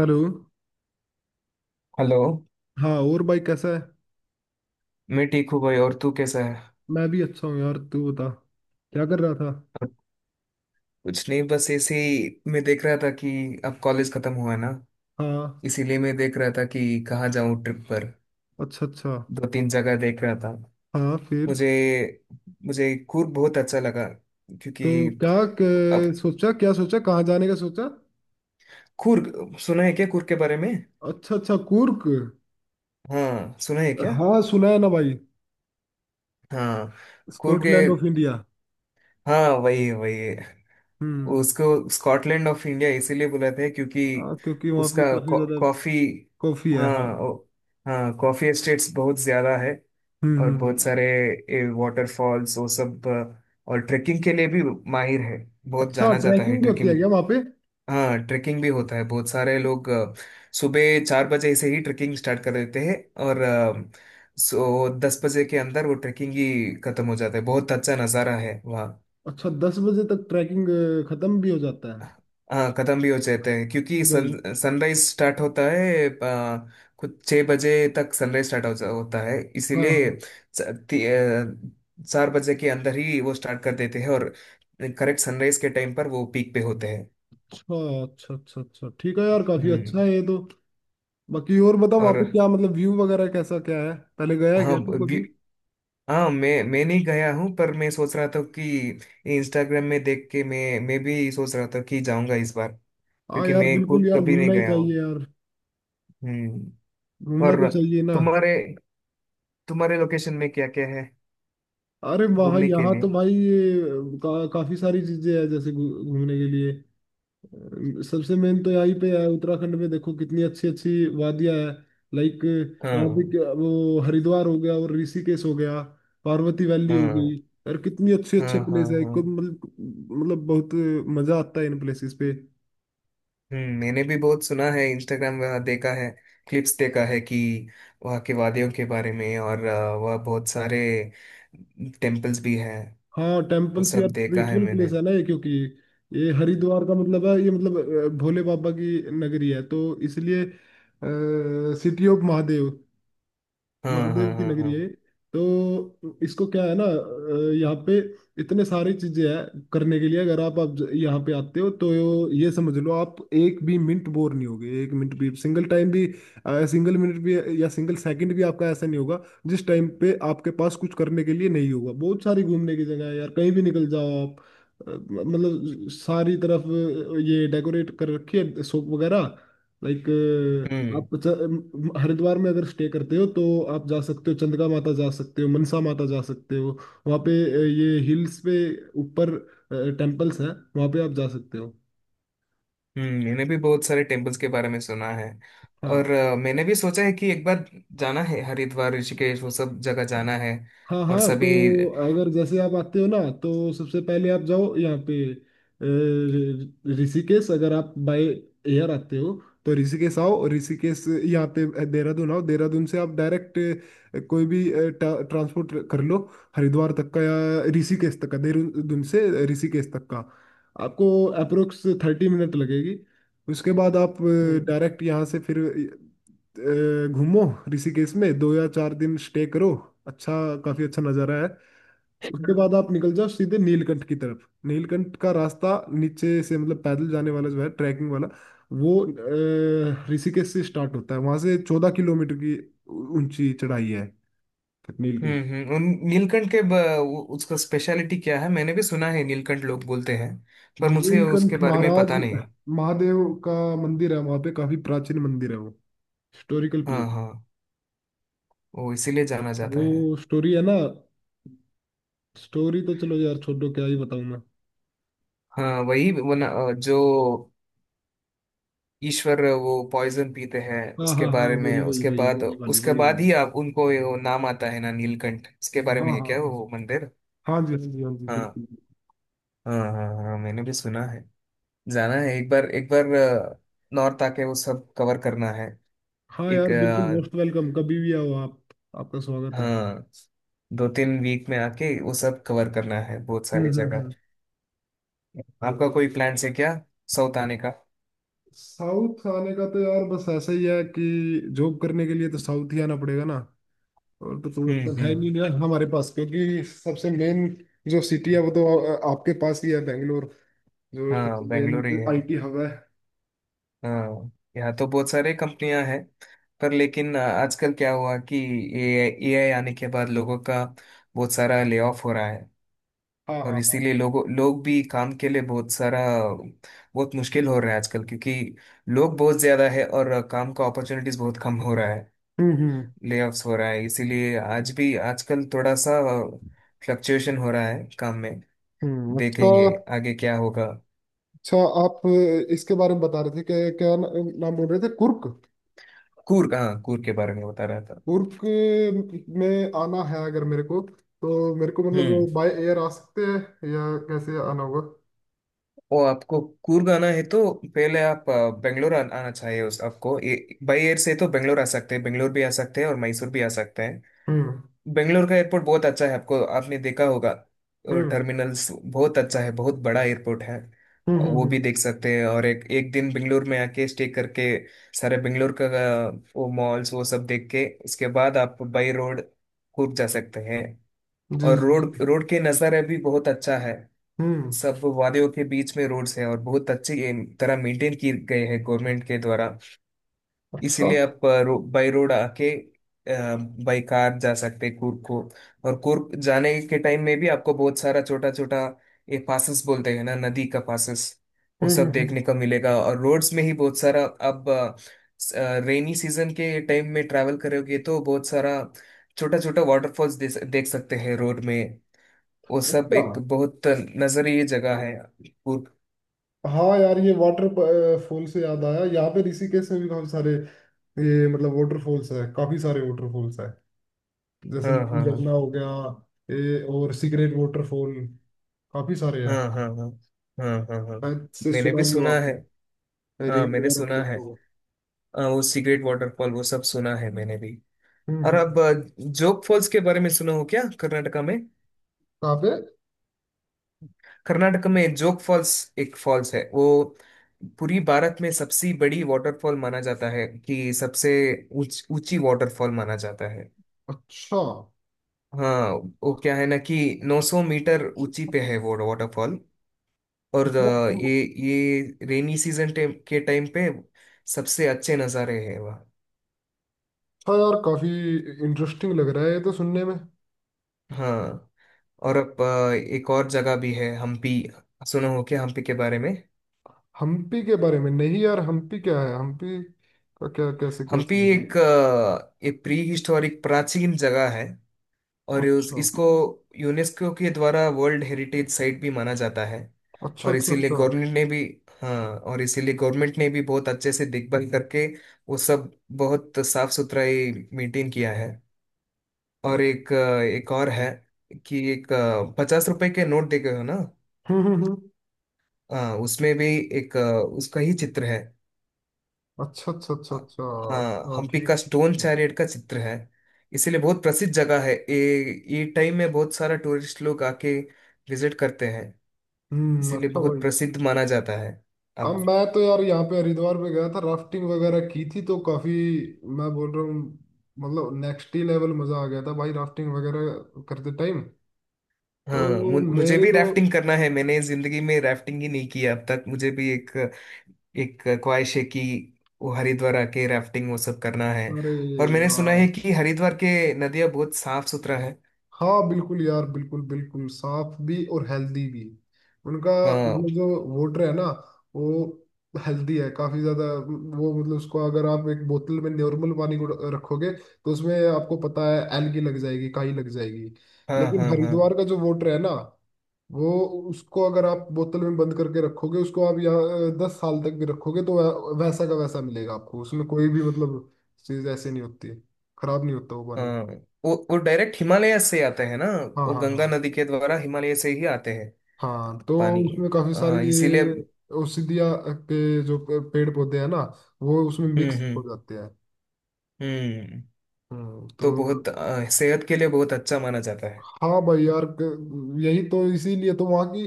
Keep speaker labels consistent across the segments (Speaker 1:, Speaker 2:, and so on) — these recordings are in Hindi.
Speaker 1: हेलो।
Speaker 2: हेलो।
Speaker 1: हाँ, और भाई कैसा है?
Speaker 2: मैं ठीक हूँ भाई, और तू कैसा है?
Speaker 1: मैं भी अच्छा हूँ यार। तू बता, क्या कर रहा था?
Speaker 2: और कुछ नहीं, बस ऐसे ही मैं देख रहा था कि अब कॉलेज खत्म हुआ है ना,
Speaker 1: हाँ।
Speaker 2: इसीलिए मैं देख रहा था कि कहाँ जाऊँ ट्रिप पर।
Speaker 1: अच्छा अच्छा।
Speaker 2: दो तीन जगह देख रहा था।
Speaker 1: हाँ, फिर?
Speaker 2: मुझे मुझे कूर्ग बहुत अच्छा लगा, क्योंकि
Speaker 1: तो क्या
Speaker 2: अब
Speaker 1: सोचा, क्या सोचा, कहाँ जाने का सोचा?
Speaker 2: कूर्ग सुना है क्या, कूर्ग के बारे में?
Speaker 1: अच्छा अच्छा, कूर्क?
Speaker 2: हाँ सुना है क्या?
Speaker 1: हाँ, सुना है ना भाई।
Speaker 2: हाँ कूर्ग,
Speaker 1: स्कॉटलैंड ऑफ इंडिया।
Speaker 2: हाँ वही है, वही है।
Speaker 1: हम्म।
Speaker 2: उसको स्कॉटलैंड ऑफ इंडिया इसीलिए बुलाते हैं क्योंकि
Speaker 1: हाँ, क्योंकि वहाँ पे
Speaker 2: उसका
Speaker 1: काफी ज्यादा
Speaker 2: कॉफी,
Speaker 1: कॉफी है, हाँ।
Speaker 2: हाँ हाँ कॉफी एस्टेट्स बहुत ज्यादा है।
Speaker 1: हम्म
Speaker 2: और
Speaker 1: हम्म
Speaker 2: बहुत
Speaker 1: हम्म।
Speaker 2: सारे वाटरफॉल्स वो सब, और ट्रेकिंग के लिए भी माहिर है, बहुत
Speaker 1: अच्छा,
Speaker 2: जाना जाता है
Speaker 1: ट्रैकिंग भी होती
Speaker 2: ट्रेकिंग।
Speaker 1: है क्या वहाँ पे?
Speaker 2: हाँ ट्रेकिंग भी होता है, बहुत सारे लोग सुबह चार बजे से ही ट्रेकिंग स्टार्ट कर देते हैं। और सो 10 बजे के अंदर वो ट्रेकिंग ही खत्म हो जाता है। बहुत अच्छा नज़ारा है वहाँ।
Speaker 1: अच्छा, 10 बजे तक ट्रैकिंग खत्म भी हो जाता है।
Speaker 2: हाँ खत्म भी हो जाते हैं क्योंकि
Speaker 1: भाई।
Speaker 2: सन सनराइज स्टार्ट होता है, कुछ 6 बजे तक सनराइज स्टार्ट होता है,
Speaker 1: हाँ
Speaker 2: इसीलिए
Speaker 1: हाँ।
Speaker 2: च- ती- 4 बजे के अंदर ही वो स्टार्ट कर देते हैं। और करेक्ट सनराइज के टाइम पर वो पीक पे होते हैं।
Speaker 1: अच्छा अच्छा अच्छा अच्छा, ठीक है यार, काफी अच्छा
Speaker 2: हम्म।
Speaker 1: है ये तो। बाकी और बता, वहां
Speaker 2: और
Speaker 1: पे क्या मतलब व्यू वगैरह कैसा क्या है? पहले गया है
Speaker 2: हाँ
Speaker 1: क्या तू
Speaker 2: व्यू,
Speaker 1: कभी?
Speaker 2: हाँ मैं नहीं गया हूँ, पर मैं सोच रहा था कि इंस्टाग्राम में देख के मैं भी सोच रहा था कि जाऊंगा इस बार,
Speaker 1: हाँ
Speaker 2: क्योंकि
Speaker 1: यार,
Speaker 2: मैं
Speaker 1: बिल्कुल
Speaker 2: खुद
Speaker 1: यार,
Speaker 2: कभी नहीं
Speaker 1: घूमना ही
Speaker 2: गया
Speaker 1: चाहिए
Speaker 2: हूँ।
Speaker 1: यार।
Speaker 2: हम्म।
Speaker 1: घूमना तो
Speaker 2: और
Speaker 1: चाहिए ना।
Speaker 2: तुम्हारे तुम्हारे लोकेशन में क्या क्या है
Speaker 1: अरे वहाँ,
Speaker 2: घूमने के
Speaker 1: यहाँ तो
Speaker 2: लिए?
Speaker 1: भाई ये काफी सारी चीजें हैं, जैसे घूमने के लिए। सबसे मेन तो यहीं पे है, उत्तराखंड में देखो कितनी अच्छी अच्छी वादियां हैं। लाइक, यहाँ
Speaker 2: हाँ
Speaker 1: पे वो हरिद्वार हो गया, और ऋषिकेश हो गया, पार्वती वैली हो गई।
Speaker 2: हाँ
Speaker 1: यार कितनी अच्छे
Speaker 2: हाँ
Speaker 1: अच्छे
Speaker 2: हाँ,
Speaker 1: प्लेस है एक
Speaker 2: हाँ।
Speaker 1: को, मतलब, मतलब बहुत मजा आता है इन प्लेसेस पे।
Speaker 2: हम्म, मैंने भी बहुत सुना है, इंस्टाग्राम वहाँ देखा है, क्लिप्स देखा है कि वहाँ के वादियों के बारे में। और वहाँ बहुत सारे टेम्पल्स भी हैं,
Speaker 1: हाँ
Speaker 2: वो
Speaker 1: टेम्पल्स यार,
Speaker 2: सब देखा है
Speaker 1: स्पिरिचुअल
Speaker 2: मैंने।
Speaker 1: प्लेस है ना ये, क्योंकि ये हरिद्वार का मतलब है ये, मतलब भोले बाबा की नगरी है, तो इसलिए सिटी ऑफ महादेव,
Speaker 2: हाँ हाँ
Speaker 1: महादेव की
Speaker 2: हाँ हाँ।
Speaker 1: नगरी है। तो इसको क्या है ना, यहाँ पे इतने सारी चीजें हैं करने के लिए, अगर आप यहाँ पे आते हो तो ये समझ लो आप, एक भी मिनट बोर नहीं होगे, एक मिनट भी, सिंगल टाइम भी, सिंगल मिनट भी, या सिंगल सेकंड भी आपका ऐसा नहीं होगा जिस टाइम पे आपके पास कुछ करने के लिए नहीं होगा। बहुत सारी घूमने की जगह है यार, कहीं भी निकल जाओ आप। मतलब सारी तरफ ये डेकोरेट कर रखी है शॉप वगैरह। लाइक,
Speaker 2: हम्म,
Speaker 1: आप हरिद्वार में अगर स्टे करते हो, तो आप जा सकते हो चंद्रगा माता, जा सकते हो मनसा माता, जा सकते हो वहाँ पे। ये हिल्स पे ऊपर टेम्पल्स हैं, वहाँ पे आप जा सकते हो।
Speaker 2: हम्म, मैंने भी बहुत सारे टेम्पल्स के बारे में सुना है।
Speaker 1: हाँ
Speaker 2: और मैंने भी सोचा है कि एक बार जाना है, हरिद्वार ऋषिकेश वो सब जगह जाना है।
Speaker 1: हाँ
Speaker 2: और
Speaker 1: हाँ, तो
Speaker 2: सभी।
Speaker 1: अगर जैसे आप आते हो ना, तो सबसे पहले आप जाओ यहाँ पे ऋषिकेश, अगर आप बाय एयर आते हो तो ऋषिकेश आओ, ऋषिकेश यहाँ पे। देहरादून आओ, देहरादून से आप डायरेक्ट कोई भी ट्रांसपोर्ट कर लो हरिद्वार तक का या ऋषिकेश तक का। देहरादून से ऋषिकेश तक का आपको अप्रोक्स 30 मिनट लगेगी। उसके बाद आप
Speaker 2: हम्म
Speaker 1: डायरेक्ट यहाँ से फिर घूमो। ऋषिकेश में 2 या 4 दिन स्टे करो। अच्छा, काफी अच्छा नज़ारा है। उसके बाद आप निकल जाओ सीधे नीलकंठ की तरफ। नीलकंठ का रास्ता नीचे से, मतलब पैदल जाने वाला जो है, ट्रैकिंग वाला, वो ऋषिकेश से स्टार्ट होता है। वहां से 14 किलोमीटर की ऊंची चढ़ाई है तक नीलकंठ।
Speaker 2: हम्म। उन नीलकंठ के उसका स्पेशलिटी क्या है? मैंने भी सुना है नीलकंठ लोग बोलते हैं, पर मुझे उसके
Speaker 1: नीलकंठ
Speaker 2: बारे में
Speaker 1: महाराज,
Speaker 2: पता नहीं।
Speaker 1: महादेव का मंदिर है वहां पे, काफी प्राचीन मंदिर है वो, हिस्टोरिकल प्लेस।
Speaker 2: हाँ हाँ, वो इसीलिए जाना जाता
Speaker 1: वो
Speaker 2: है।
Speaker 1: स्टोरी है ना, स्टोरी तो चलो यार छोड़ो, क्या ही बताऊं मैं।
Speaker 2: हाँ वही वो ना, जो ईश्वर वो पॉइजन पीते हैं
Speaker 1: हाँ
Speaker 2: उसके
Speaker 1: हाँ हाँ,
Speaker 2: बारे में,
Speaker 1: वही वही वही, वही वाली,
Speaker 2: उसके
Speaker 1: वही
Speaker 2: बाद
Speaker 1: वाली।
Speaker 2: ही आप उनको ये वो नाम आता है ना नीलकंठ, इसके बारे में
Speaker 1: हाँ
Speaker 2: है
Speaker 1: हाँ।
Speaker 2: क्या वो मंदिर?
Speaker 1: हाँ जी, हाँ जी, हाँ जी,
Speaker 2: हाँ
Speaker 1: बिल्कुल।
Speaker 2: हाँ हाँ हाँ, मैंने भी सुना है। जाना है एक बार, एक बार नॉर्थ आके वो सब कवर करना है।
Speaker 1: हाँ
Speaker 2: एक,
Speaker 1: यार बिल्कुल, मोस्ट वेलकम, कभी भी आओ आप, आपका स्वागत है।
Speaker 2: हाँ, दो तीन वीक में आके वो सब कवर करना है, बहुत सारी जगह।
Speaker 1: हम्म।
Speaker 2: आपका कोई प्लान है क्या साउथ आने का?
Speaker 1: साउथ आने का तो यार बस ऐसा ही है कि जॉब करने के लिए तो साउथ ही आना पड़ेगा ना, और तो है
Speaker 2: हम्म।
Speaker 1: नहीं ना हमारे पास, क्योंकि सबसे मेन जो सिटी है वो तो आपके पास ही है, बेंगलोर, जो सबसे
Speaker 2: हाँ बेंगलोर ही
Speaker 1: मेन
Speaker 2: है,
Speaker 1: आईटी हब है।
Speaker 2: हाँ। यहाँ तो बहुत सारे कंपनियां हैं, पर लेकिन आजकल क्या हुआ कि ए आई आने के बाद लोगों का बहुत सारा ले ऑफ हो रहा है।
Speaker 1: हाँ
Speaker 2: और
Speaker 1: हाँ हाँ।
Speaker 2: इसीलिए लोग भी काम के लिए बहुत सारा, बहुत मुश्किल हो रहा है आजकल, क्योंकि लोग बहुत ज्यादा है और काम का अपॉर्चुनिटीज बहुत कम हो रहा है,
Speaker 1: हम्म हम्म
Speaker 2: लेऑफ्स हो रहा है, इसीलिए आज भी आजकल थोड़ा सा फ्लक्चुएशन हो रहा है काम में।
Speaker 1: हम्म, अच्छा।
Speaker 2: देखेंगे आगे क्या होगा।
Speaker 1: अच्छा, आप इसके बारे में बता रहे थे कि क्या ना, नाम बोल रहे थे, कुर्क।
Speaker 2: कूर्ग, हाँ कूर्ग के बारे में बता रहा था।
Speaker 1: कुर्क में आना है अगर मेरे को, तो मेरे को
Speaker 2: हम्म।
Speaker 1: मतलब बाय एयर आ सकते हैं, या कैसे आना होगा?
Speaker 2: वो आपको कूर्ग आना है तो पहले आप बेंगलोर आना चाहिए, उस आपको बाई एयर से तो बेंगलोर आ सकते हैं, बेंगलोर भी आ सकते हैं और मैसूर भी आ सकते हैं।
Speaker 1: हम्म
Speaker 2: बेंगलोर का एयरपोर्ट बहुत अच्छा है, आपको आपने देखा होगा।
Speaker 1: हम्म
Speaker 2: टर्मिनल्स बहुत अच्छा है, बहुत बड़ा एयरपोर्ट है। वो भी
Speaker 1: हम्म।
Speaker 2: देख सकते हैं, और एक एक दिन बेंगलोर में आके स्टे करके सारे बेंगलोर का अ, वो मॉल्स वो सब देख के उसके बाद आप बाई रोड कुर्ग जा सकते हैं।
Speaker 1: जी
Speaker 2: और
Speaker 1: जी
Speaker 2: रोड
Speaker 1: जी।
Speaker 2: रोड के नज़ारा भी बहुत अच्छा है,
Speaker 1: हम्म,
Speaker 2: सब वादियों के बीच में रोड्स हैं और बहुत अच्छी तरह मेंटेन किए गए हैं गवर्नमेंट के द्वारा।
Speaker 1: अच्छा।
Speaker 2: इसीलिए आप बाई रोड आके बाई कार जा सकते हैं कुर्ग को। और कुर्ग जाने के टाइम में भी आपको बहुत सारा छोटा छोटा, ये पासेस बोलते हैं ना नदी का पासेस, वो सब
Speaker 1: हम्म।
Speaker 2: देखने को मिलेगा। और रोड्स में ही बहुत सारा, अब रेनी सीजन के टाइम में ट्रैवल करोगे तो बहुत सारा छोटा छोटा वाटरफॉल्स देख सकते हैं रोड में। वो सब
Speaker 1: अच्छा।
Speaker 2: एक बहुत नजरीय जगह है कुर्ग।
Speaker 1: हाँ यार, ये वाटर फॉल से याद आया, यहाँ पे ऋषिकेश में भी काफी सारे ये मतलब वाटरफॉल्स है, काफी सारे वाटरफॉल्स है। जैसे
Speaker 2: हाँ
Speaker 1: नील
Speaker 2: हाँ
Speaker 1: झरना हो गया, ये और सीक्रेट वाटरफॉल, काफी सारे
Speaker 2: हाँ
Speaker 1: हैं।
Speaker 2: हाँ, हाँ हाँ हाँ हाँ, हाँ
Speaker 1: शायद से
Speaker 2: मैंने भी
Speaker 1: सुना भी हो
Speaker 2: सुना है।
Speaker 1: आपने,
Speaker 2: हाँ
Speaker 1: रील
Speaker 2: मैंने
Speaker 1: वगैरह पे
Speaker 2: सुना है।
Speaker 1: देखा होगा।
Speaker 2: वो सिगरेट वाटरफॉल वो सब सुना है मैंने भी।
Speaker 1: हम्म
Speaker 2: और
Speaker 1: हम्म।
Speaker 2: अब जोग फॉल्स के बारे में सुना हो क्या कर्नाटका में?
Speaker 1: काफे।
Speaker 2: कर्नाटका में जोग फॉल्स, एक फॉल्स है वो पूरी भारत में सबसे बड़ी वाटरफॉल माना जाता है, कि सबसे ऊंची वाटरफॉल माना जाता है।
Speaker 1: अच्छा,
Speaker 2: हाँ वो क्या है ना कि 900 मीटर ऊंची पे है वो वाटरफॉल। और ये
Speaker 1: मतलब
Speaker 2: ये रेनी सीजन के टाइम पे सबसे अच्छे नज़ारे हैं वहाँ।
Speaker 1: अच्छा यार, काफी इंटरेस्टिंग लग रहा है ये तो सुनने में।
Speaker 2: हाँ। और अब एक और जगह भी है, हम्पी। सुनो हो क्या हम्पी के बारे में?
Speaker 1: हम्पी के बारे में नहीं यार, हम्पी क्या है? हम्पी का क्या, कैसे, क्या
Speaker 2: हम्पी
Speaker 1: सीन
Speaker 2: एक एक प्री हिस्टोरिक प्राचीन जगह है।
Speaker 1: है?
Speaker 2: और
Speaker 1: अच्छा
Speaker 2: इसको यूनेस्को के द्वारा वर्ल्ड हेरिटेज साइट भी माना जाता है।
Speaker 1: अच्छा
Speaker 2: और
Speaker 1: अच्छा
Speaker 2: इसीलिए
Speaker 1: अच्छा।
Speaker 2: गवर्नमेंट ने भी, हाँ, और इसीलिए गवर्नमेंट ने भी बहुत अच्छे से देखभाल करके वो सब बहुत साफ सुथराई मेंटेन किया है। और एक एक और है कि एक 50 रुपए के नोट देखे हो ना?
Speaker 1: हम्म हम्म, हम्म।
Speaker 2: हाँ उसमें भी एक उसका ही चित्र है।
Speaker 1: अच्छा अच्छा अच्छा अच्छा।
Speaker 2: हाँ,
Speaker 1: अच्छा,
Speaker 2: हम्पी का
Speaker 1: ठीक ठीक।
Speaker 2: स्टोन चैरियट का चित्र है। इसीलिए बहुत प्रसिद्ध जगह है ये टाइम में बहुत सारा टूरिस्ट लोग आके विजिट करते हैं,
Speaker 1: हम्म,
Speaker 2: इसीलिए
Speaker 1: अच्छा
Speaker 2: बहुत
Speaker 1: भाई।
Speaker 2: प्रसिद्ध माना जाता है।
Speaker 1: अब
Speaker 2: अब
Speaker 1: मैं तो यार यहाँ पे हरिद्वार पे गया था, राफ्टिंग वगैरह की थी, तो काफी, मैं बोल रहा हूँ, मतलब नेक्स्ट ही लेवल मजा आ गया था भाई राफ्टिंग वगैरह करते टाइम।
Speaker 2: हाँ,
Speaker 1: तो
Speaker 2: मुझे
Speaker 1: मेरे
Speaker 2: भी
Speaker 1: को,
Speaker 2: राफ्टिंग करना है। मैंने जिंदगी में राफ्टिंग ही नहीं किया अब तक। मुझे भी एक एक ख्वाहिश है कि वो हरिद्वार आके राफ्टिंग वो सब करना है।
Speaker 1: अरे
Speaker 2: और मैंने सुना
Speaker 1: यार,
Speaker 2: है कि हरिद्वार के नदियाँ बहुत साफ सुथरा है।
Speaker 1: हाँ बिल्कुल यार, बिल्कुल बिल्कुल साफ भी और हेल्दी भी। उनका
Speaker 2: हाँ
Speaker 1: मतलब जो वाटर है ना, वो हेल्दी है काफी ज्यादा। वो मतलब, उसको अगर आप एक बोतल में नॉर्मल पानी को रखोगे, तो उसमें आपको पता है एलगी लग जाएगी, काई लग जाएगी।
Speaker 2: हाँ
Speaker 1: लेकिन
Speaker 2: हाँ हाँ
Speaker 1: हरिद्वार का जो वाटर है ना, वो, उसको अगर आप बोतल में बंद करके रखोगे, उसको आप यहाँ 10 साल तक भी रखोगे तो वैसा का वैसा मिलेगा आपको, उसमें कोई भी मतलब चीज ऐसे नहीं होती है, खराब नहीं होता वो पानी।
Speaker 2: हाँ। वो डायरेक्ट हिमालय से आते हैं ना,
Speaker 1: हाँ
Speaker 2: वो
Speaker 1: हाँ
Speaker 2: गंगा
Speaker 1: हाँ
Speaker 2: नदी के द्वारा हिमालय से ही आते हैं
Speaker 1: हाँ, तो
Speaker 2: पानी।
Speaker 1: उसमें काफी सारी
Speaker 2: हाँ इसीलिए।
Speaker 1: ये
Speaker 2: हम्म,
Speaker 1: औषधिया के जो पेड़ पौधे हैं ना, वो उसमें मिक्स
Speaker 2: हम्म,
Speaker 1: हो जाते हैं।
Speaker 2: हम्म
Speaker 1: हम्म, तो
Speaker 2: तो बहुत सेहत के लिए बहुत अच्छा माना जाता है।
Speaker 1: हाँ भाई यार, यही तो, इसीलिए तो वहाँ की,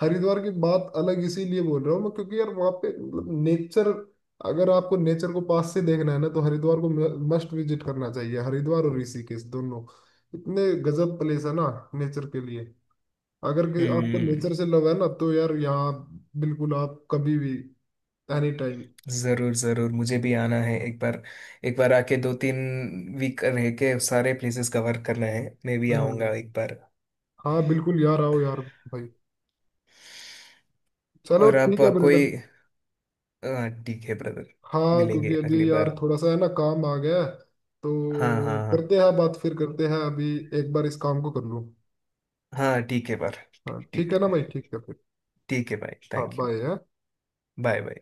Speaker 1: हरिद्वार की बात अलग इसीलिए बोल रहा हूँ मैं, क्योंकि यार वहाँ पे मतलब नेचर, अगर आपको नेचर को पास से देखना है ना, तो हरिद्वार को मस्ट विजिट करना चाहिए, हरिद्वार और ऋषिकेश दोनों, इतने गजब प्लेस है ना नेचर के लिए। अगर कि आपको
Speaker 2: हम्म।
Speaker 1: नेचर से लव है ना, तो यार यहाँ बिल्कुल आप कभी भी, एनी टाइम।
Speaker 2: जरूर जरूर, मुझे भी आना है एक बार। एक बार आके दो तीन वीक रह के सारे प्लेसेस कवर करना है, मैं भी
Speaker 1: हम्म।
Speaker 2: आऊंगा एक बार।
Speaker 1: हाँ बिल्कुल यार, आओ यार भाई। चलो
Speaker 2: और आप
Speaker 1: ठीक है
Speaker 2: कोई
Speaker 1: ब्रदर।
Speaker 2: ठीक है ब्रदर,
Speaker 1: हाँ,
Speaker 2: मिलेंगे
Speaker 1: क्योंकि
Speaker 2: अगली
Speaker 1: अभी यार
Speaker 2: बार।
Speaker 1: थोड़ा सा है ना काम आ गया है,
Speaker 2: हाँ
Speaker 1: तो
Speaker 2: हाँ हाँ,
Speaker 1: करते हैं बात, फिर करते हैं, अभी एक बार इस काम को कर लूँ।
Speaker 2: हाँ ठीक है बार,
Speaker 1: हाँ
Speaker 2: ठीक
Speaker 1: ठीक है ना भाई, ठीक है फिर।
Speaker 2: ठीक है भाई
Speaker 1: हाँ,
Speaker 2: thank you.
Speaker 1: Bye.
Speaker 2: Bye bye.